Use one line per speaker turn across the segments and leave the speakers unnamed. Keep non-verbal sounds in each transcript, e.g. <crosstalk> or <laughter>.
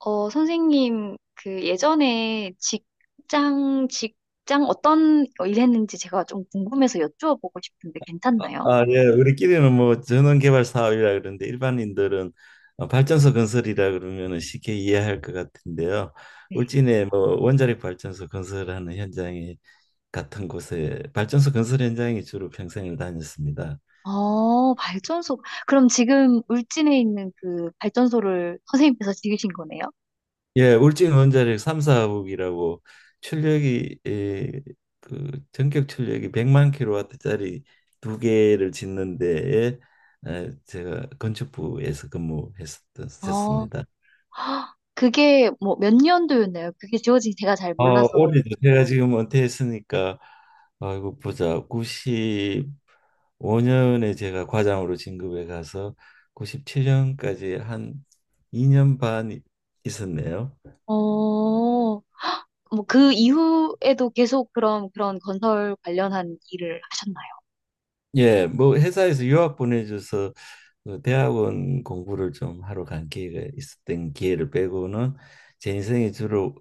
선생님, 그 예전에 직장, 직장 어떤 일 했는지 제가 좀 궁금해서 여쭈어보고 싶은데
아,
괜찮나요?
아, 예. 우리끼리는 뭐 전원개발 사업이라 그러는데 일반인들은 발전소 건설이라 그러면은 쉽게 이해할 것 같은데요.
네.
울진에 뭐 원자력 발전소 건설하는 현장이 같은 곳에 발전소 건설 현장에 주로 평생을 다녔습니다.
발전소. 그럼 지금 울진에 있는 그 발전소를 선생님께서 지으신 거네요?
예, 울진 원자력 3사국이라고 출력이 예, 그 전격 출력이 100만 킬로와트짜리 두 개를 짓는 데에 제가 건축부에서
어,
근무했었습니다.
그게 뭐 몇 년도였나요? 그게 지어진 지 제가 잘 몰라서.
올해도 제가 지금 은퇴했으니까 아이고 보자. 95년에 제가 과장으로 진급해 가서 97년까지 한 2년 반 있었네요.
어, 뭐 그 이후에도 계속 그런, 그런 건설 관련한 일을 하셨나요?
예, 뭐 회사에서 유학 보내줘서 그 대학원 공부를 좀 하러 간 기회가 있었던 기회를 빼고는 제 인생이 주로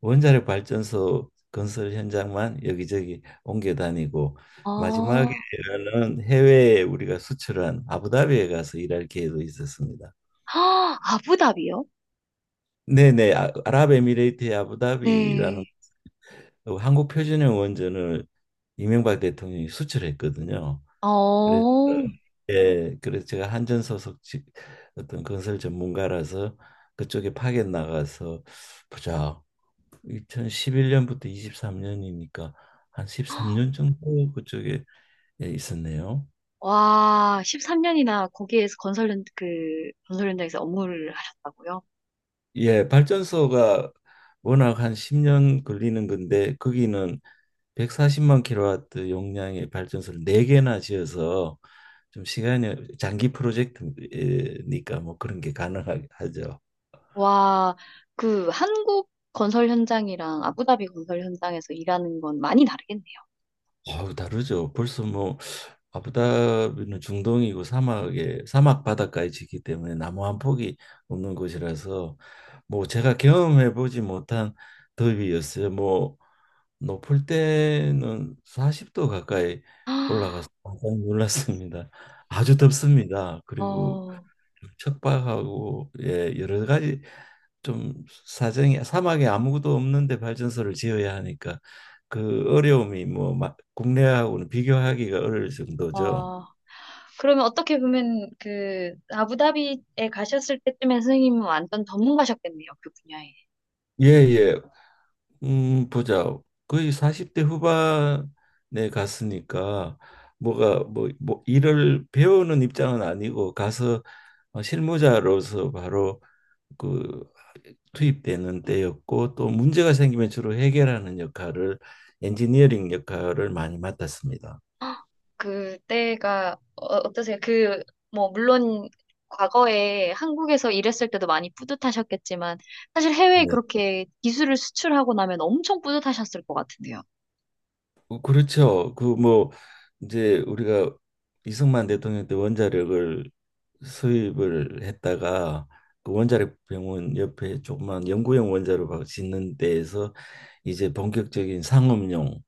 원자력 발전소 건설 현장만 여기저기 옮겨 다니고
어,
마지막에는 해외에 우리가 수출한 아부다비에 가서 일할 기회도 있었습니다.
아부답이요?
네네, 아랍에미레이트의 아부다비라는
네.
그 한국 표준형 원전을 이명박 대통령이 수출했거든요. 그래
어,
예, 그래서 제가 한전소속 어떤 건설 전문가라서 그쪽에 파견 나가서 보자. 2011년부터 23년이니까 한 13년 정도 그쪽에 예, 있었네요.
와, 13년이나 거기에서 그, 건설 현장에서 업무를 하셨다고요?
예, 발전소가 워낙 한 10년 걸리는 건데 거기는 140만 킬로와트 용량의 발전소를 4개나 지어서 좀 시간이 장기 프로젝트니까 뭐 그런 게 가능하죠.
와, 그, 한국 건설 현장이랑 아부다비 건설 현장에서 일하는 건 많이 다르겠네요.
아우 다르죠. 벌써 뭐 아부다비는 중동이고 사막에 사막 바닷가에 지기 때문에 나무 한 폭이 없는 곳이라서 뭐 제가 경험해 보지 못한 더위였어요. 뭐 높을 때는 40도 가까이
<gasps> 아,
올라가서 깜짝 놀랐습니다. 아주 덥습니다. 그리고
어,
척박하고 예 여러 가지 좀 사정이 사막에 아무것도 없는데 발전소를 지어야 하니까 그 어려움이 뭐 국내하고는 비교하기가 어려울 정도죠.
어, 그러면 어떻게 보면 그, 아부다비에 가셨을 때쯤에 선생님은 완전 전문가셨겠네요, 그 분야에.
예, 예. 보자. 거의 40대 후반에 갔으니까 뭐 일을 배우는 입장은 아니고 가서 실무자로서 바로 그 투입되는 때였고 또 문제가 생기면 주로 해결하는 역할을 엔지니어링 역할을 많이 맡았습니다.
그때가 어떠세요? 그, 뭐, 물론 과거에 한국에서 일했을 때도 많이 뿌듯하셨겠지만, 사실 해외에
네.
그렇게 기술을 수출하고 나면 엄청 뿌듯하셨을 것 같은데요.
그렇죠. 그 뭐 이제 우리가 이승만 대통령 때 원자력을 수입을 했다가 그 원자력 병원 옆에 조그만 연구용 원자로 짓는 데에서 이제 본격적인 상업용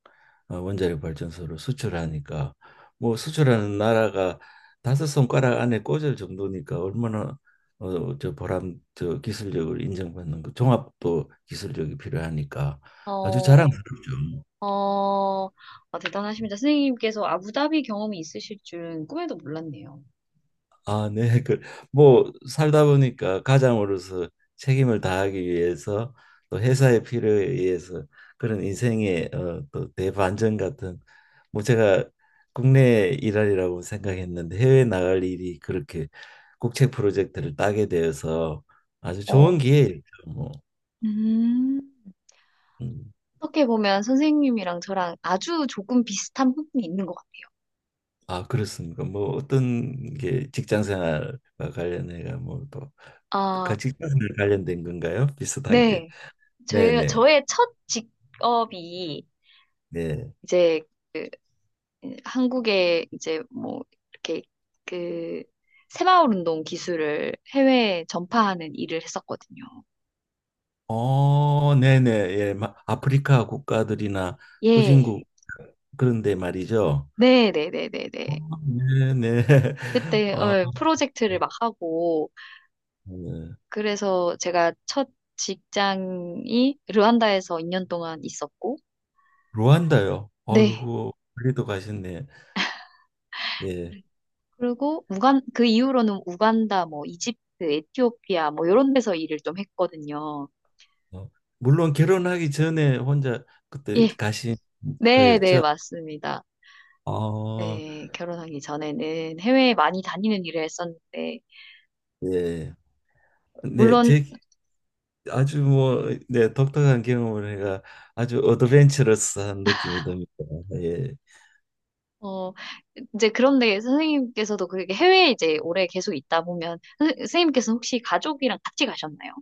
원자력 발전소를 수출하니까 뭐 수출하는 나라가 다섯 손가락 안에 꽂을 정도니까 얼마나 어, 저 보람 저 기술력을 인정받는 그 종합도 기술력이 필요하니까 아주
어,
자랑스럽죠.
어, 아, 대단하십니다. 선생님께서 아부다비 경험이 있으실 줄은 꿈에도 몰랐네요.
아, 네. <laughs> 그, 뭐 살다 보니까 가장으로서 책임을 다하기 위해서 또 회사의 필요에 의해서 그런 인생의 또 대반전 같은 뭐 제가 국내 일할이라고 생각했는데 해외 나갈 일이 그렇게 국책 프로젝트를 따게 되어서 아주 좋은
어,
기회였죠. 뭐.
음.
음.
어떻게 보면 선생님이랑 저랑 아주 조금 비슷한 부분이 있는 것 같아요.
아, 그렇습니까? 뭐 어떤 게 직장 생활과 관련해가 뭐또
아,
직장 생활 관련된 건가요? 비슷한 게.
네.
네, 네.
저의 첫 직업이
네.
이제 그 한국에 이제 뭐 이렇게 그 새마을 운동 기술을 해외에 전파하는 일을 했었거든요.
네네. 예, 아프리카 국가들이나
예.
후진국 그런데 말이죠.
네, 네, 네, 네,
어,
네.
네네. <laughs>
그때
아,
프로젝트를 막 하고
네.
그래서 제가 첫 직장이 르완다에서 2년 동안 있었고
루안다요.
네.
아이고, 멀리도 가셨네. 예.
그리고 우간 그 이후로는 우간다 뭐 이집트, 에티오피아 뭐 이런 데서 일을 좀 했거든요.
어, 물론 결혼하기 전에 혼자 그때
예.
가신
네, 네,
거였죠.
맞습니다.
아,
네, 결혼하기 전에는 해외에 많이 다니는 일을 했었는데,
예. 네,
물론,
제 아주 뭐, 네, 독특한 경험을 해가 아주 어드벤처러스한 느낌이 듭니다. 예.
어, 이제 그런데 선생님께서도 그렇게 해외에 이제 오래 계속 있다 보면, 선생님께서 혹시 가족이랑 같이 가셨나요?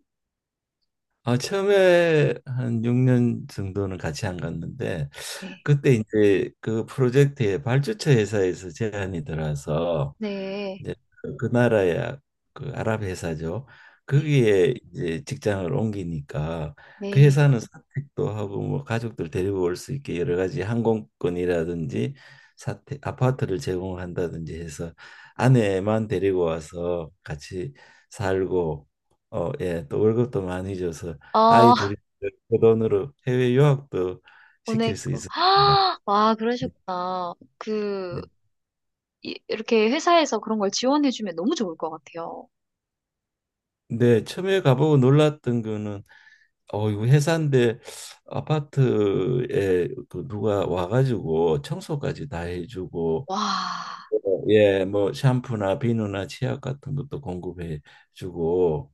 아, 처음에 한 6년 정도는 같이 안 갔는데
네,
그때 이제 그 프로젝트에 발주처 회사에서 제안이 들어와서
네,
이제 그 나라야 그 아랍 회사죠.
네,
거기에 이제 직장을 옮기니까 그
네.
회사는 사택도 하고 뭐 가족들 데리고 올 수 있게 여러 가지 항공권이라든지 사택 아파트를 제공한다든지 해서 아내만 데리고 와서 같이 살고 예, 또 월급도 많이 줘서
아,
아이 둘이
<laughs>
그 돈으로 해외 유학도 시킬 수
보냈고.
있었습니다.
<gasps> 와,
네.
그러셨구나. 그,
네,
이렇게 회사에서 그런 걸 지원해주면 너무 좋을 것 같아요.
네, 처음에 가보고 놀랐던 거는 이거 회사인데 아파트에 그 누가 와가지고 청소까지 다 해주고
와,
예, 뭐 샴푸나 비누나 치약 같은 것도 공급해주고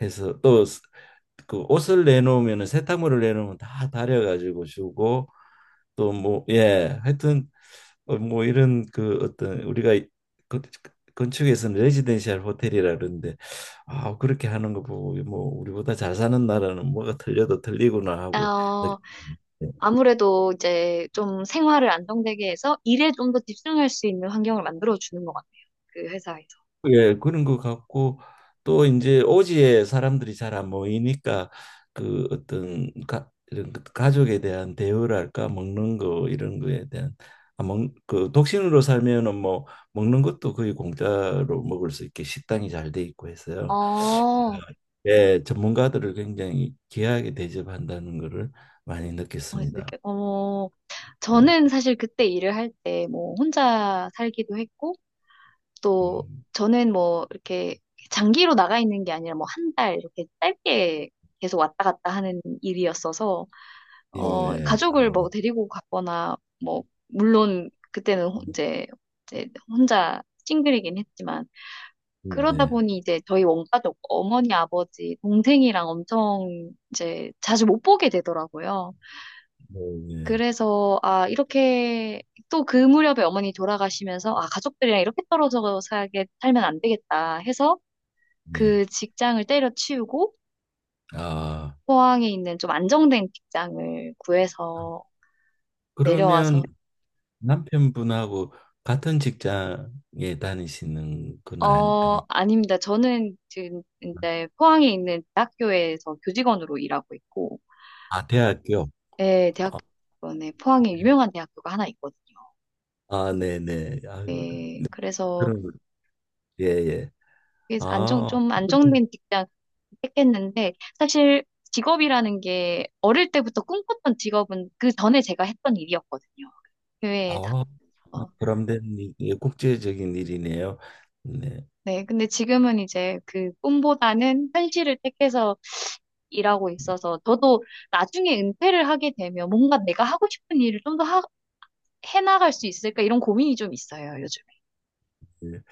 해서 또 그 옷을 내놓으면 세탁물을 내놓으면 다 다려가지고 주고 또 뭐 예 하여튼 뭐 이런 그 어떤 우리가 그- 건축에서는 레지덴셜 호텔이라 그러는데 아 그렇게 하는 거 보고 뭐 우리보다 잘 사는 나라는 뭐가 틀려도 틀리구나 하고 느끼
어, 아무래도 이제 좀 생활을 안정되게 해서 일에 좀 더 집중할 수 있는 환경을 만들어주는 것 같아요. 그 회사에서.
예, 그런 것 같고 또 이제 오지에 사람들이 잘 안 모이니까 그 어떤 이런 그 가족에 대한 대우랄까 먹는 거 이런 거에 대한 그 독신으로 살면은 뭐 먹는 것도 거의 공짜로 먹을 수 있게 식당이 잘 돼 있고
어,
해서요.
어,
예, 전문가들을 굉장히 귀하게 대접한다는 거를 많이 느꼈습니다.
이렇게, 어,
예.
저는 사실 그때 일을 할 때 뭐 혼자 살기도 했고 또
음,
저는 뭐 이렇게 장기로 나가 있는 게 아니라 뭐 한 달 이렇게 짧게 계속 왔다 갔다 하는 일이었어서
예.
어 가족을 뭐 데리고 갔거나 뭐 물론 그때는 이제 이제 혼자 싱글이긴 했지만 그러다
네.
보니 이제 저희 원가족 어머니, 아버지, 동생이랑 엄청 이제 자주 못 보게 되더라고요.
네.
그래서 아, 이렇게 또 그 무렵에 어머니 돌아가시면서 아, 가족들이랑 이렇게 떨어져 살게 살면 안 되겠다 해서
네.
그 직장을 때려치우고
아,
포항에 있는 좀 안정된 직장을 구해서
그러면
내려와서
남편분하고 같은 직장에 다니시는 건 아니,
어,
아니,
아닙니다. 저는 지금 이제 포항에 있는 대학교에서 교직원으로 일하고 있고
아, 대학교.
예,
아,
대학원에 포항에 유명한 대학교가 하나 있거든요.
아, 네네. 아유,
예,
그
그래서
런 예, 예.
그게 안정
아,
좀 안정된 직장 택했는데 사실 직업이라는 게 어릴 때부터 꿈꿨던 직업은 그 전에 제가 했던 일이었거든요. 교회에
아, 아,
다니면서.
보람된 일, 예, 국제적인 일이네요. 네.
네, 근데 지금은 이제 그 꿈보다는 현실을 택해서 일하고 있어서 저도 나중에 은퇴를 하게 되면 뭔가 내가 하고 싶은 일을 좀 더 해나갈 수 있을까 이런 고민이 좀 있어요, 요즘에.
예.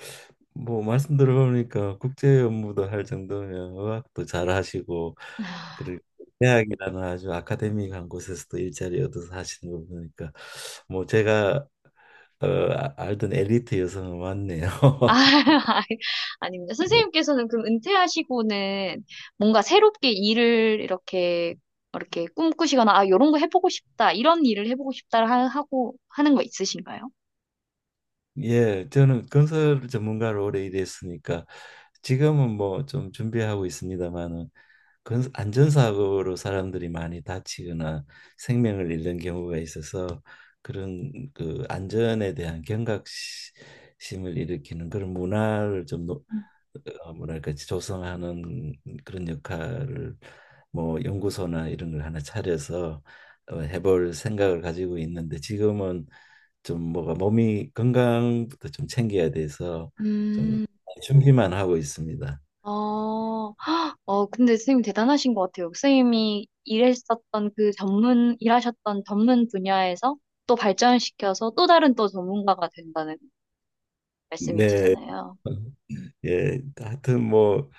뭐, 말씀 들어보니까 국제 업무도 할 정도면 의학도 잘 하시고, 그리고 대학이라는 아주 아카데미한 곳에서도 일자리 얻어서 하시는 거 보니까, 뭐, 제가 어, 알던 엘리트 여성은 맞네요.
아, <laughs> 아닙니다
<laughs>
선생님께서는 그럼 은퇴하시고는 뭔가 새롭게 일을 이렇게, 이렇게 꿈꾸시거나, 아, 요런 거 해보고 싶다, 이런 일을 해보고 싶다 하고 하는 거 있으신가요?
예, 저는 건설 전문가로 오래 일했으니까 지금은 뭐 좀 준비하고 있습니다만은 건 안전사고로 사람들이 많이 다치거나 생명을 잃는 경우가 있어서 그런 그 안전에 대한 경각심을 일으키는 그런 문화를 좀 뭐랄까 조성하는 그런 역할을 뭐 연구소나 이런 걸 하나 차려서 해볼 생각을 가지고 있는데 지금은 좀 뭐가 몸이 건강부터 좀 챙겨야 돼서 좀
음,
준비만 하고 있습니다.
어, 헉, 어, 근데 선생님 대단하신 것 같아요. 선생님이 일했었던 일하셨던 전문 분야에서 또 발전시켜서 또 다른 또 전문가가 된다는
네.
말씀이시잖아요.
예, 하여튼 뭐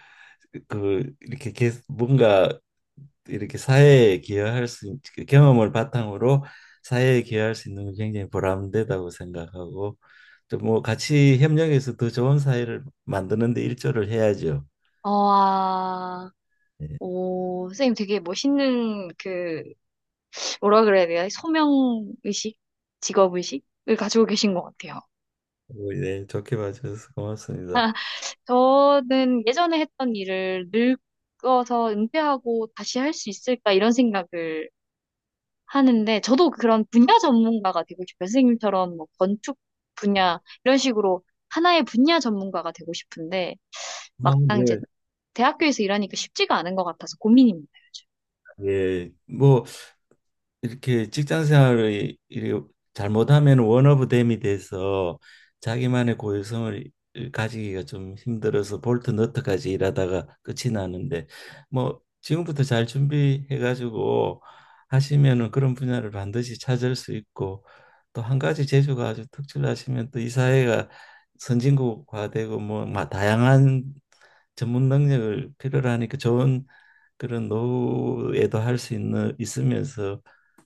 그 이렇게 계속 뭔가 이렇게 사회에 기여할 수 그 경험을 바탕으로 사회에 기여할 수 있는 게 굉장히 보람되다고 생각하고 또 뭐 같이 협력해서 더 좋은 사회를 만드는 데 일조를 해야죠.
어, 아,
예.
오, 선생님 되게 멋있는 그 뭐라 그래야 되나? 소명의식? 직업의식을 가지고 계신 것 같아요.
뭐, 예, 좋게 봐주셔서 고맙습니다.
<laughs> 저는 예전에 했던 일을 늙어서 은퇴하고 다시 할 수 있을까 이런 생각을 하는데 저도 그런 분야 전문가가 되고 싶어요. 선생님처럼 뭐 건축 분야 이런 식으로 하나의 분야 전문가가 되고 싶은데
아,
막상 이제
네.
대학교에서 일하니까 쉽지가 않은 것 같아서 고민입니다. 요즘.
예, 뭐 이렇게 직장 생활을 잘못하면 원 오브 댐이 돼서 자기만의 고유성을 가지기가 좀 힘들어서 볼트 너트까지 일하다가 끝이 나는데 뭐 지금부터 잘 준비해 가지고 하시면은 그런 분야를 반드시 찾을 수 있고 또 한 가지 재주가 아주 특출나시면 또 이 사회가 선진국화되고 뭐 다양한 전문 능력을 필요로 하니까 좋은 그런 노후에도 할 수 있는 있으면서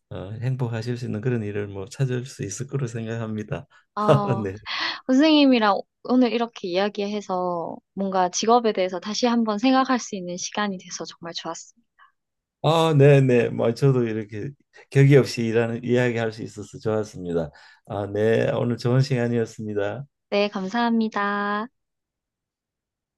행복하실 수 있는 그런 일을 뭐 찾을 수 있을 거로 생각합니다.
아,
<laughs> 네.
선생님이랑 오늘 이렇게 이야기해서 뭔가 직업에 대해서 다시 한번 생각할 수 있는 시간이 돼서 정말 좋았어요.
아, 네, 네. 뭐 저도 이렇게 격이 없이 일하는 이야기할 수 있어서 좋았습니다. 아, 네. 오늘 좋은 시간이었습니다.
네, 감사합니다.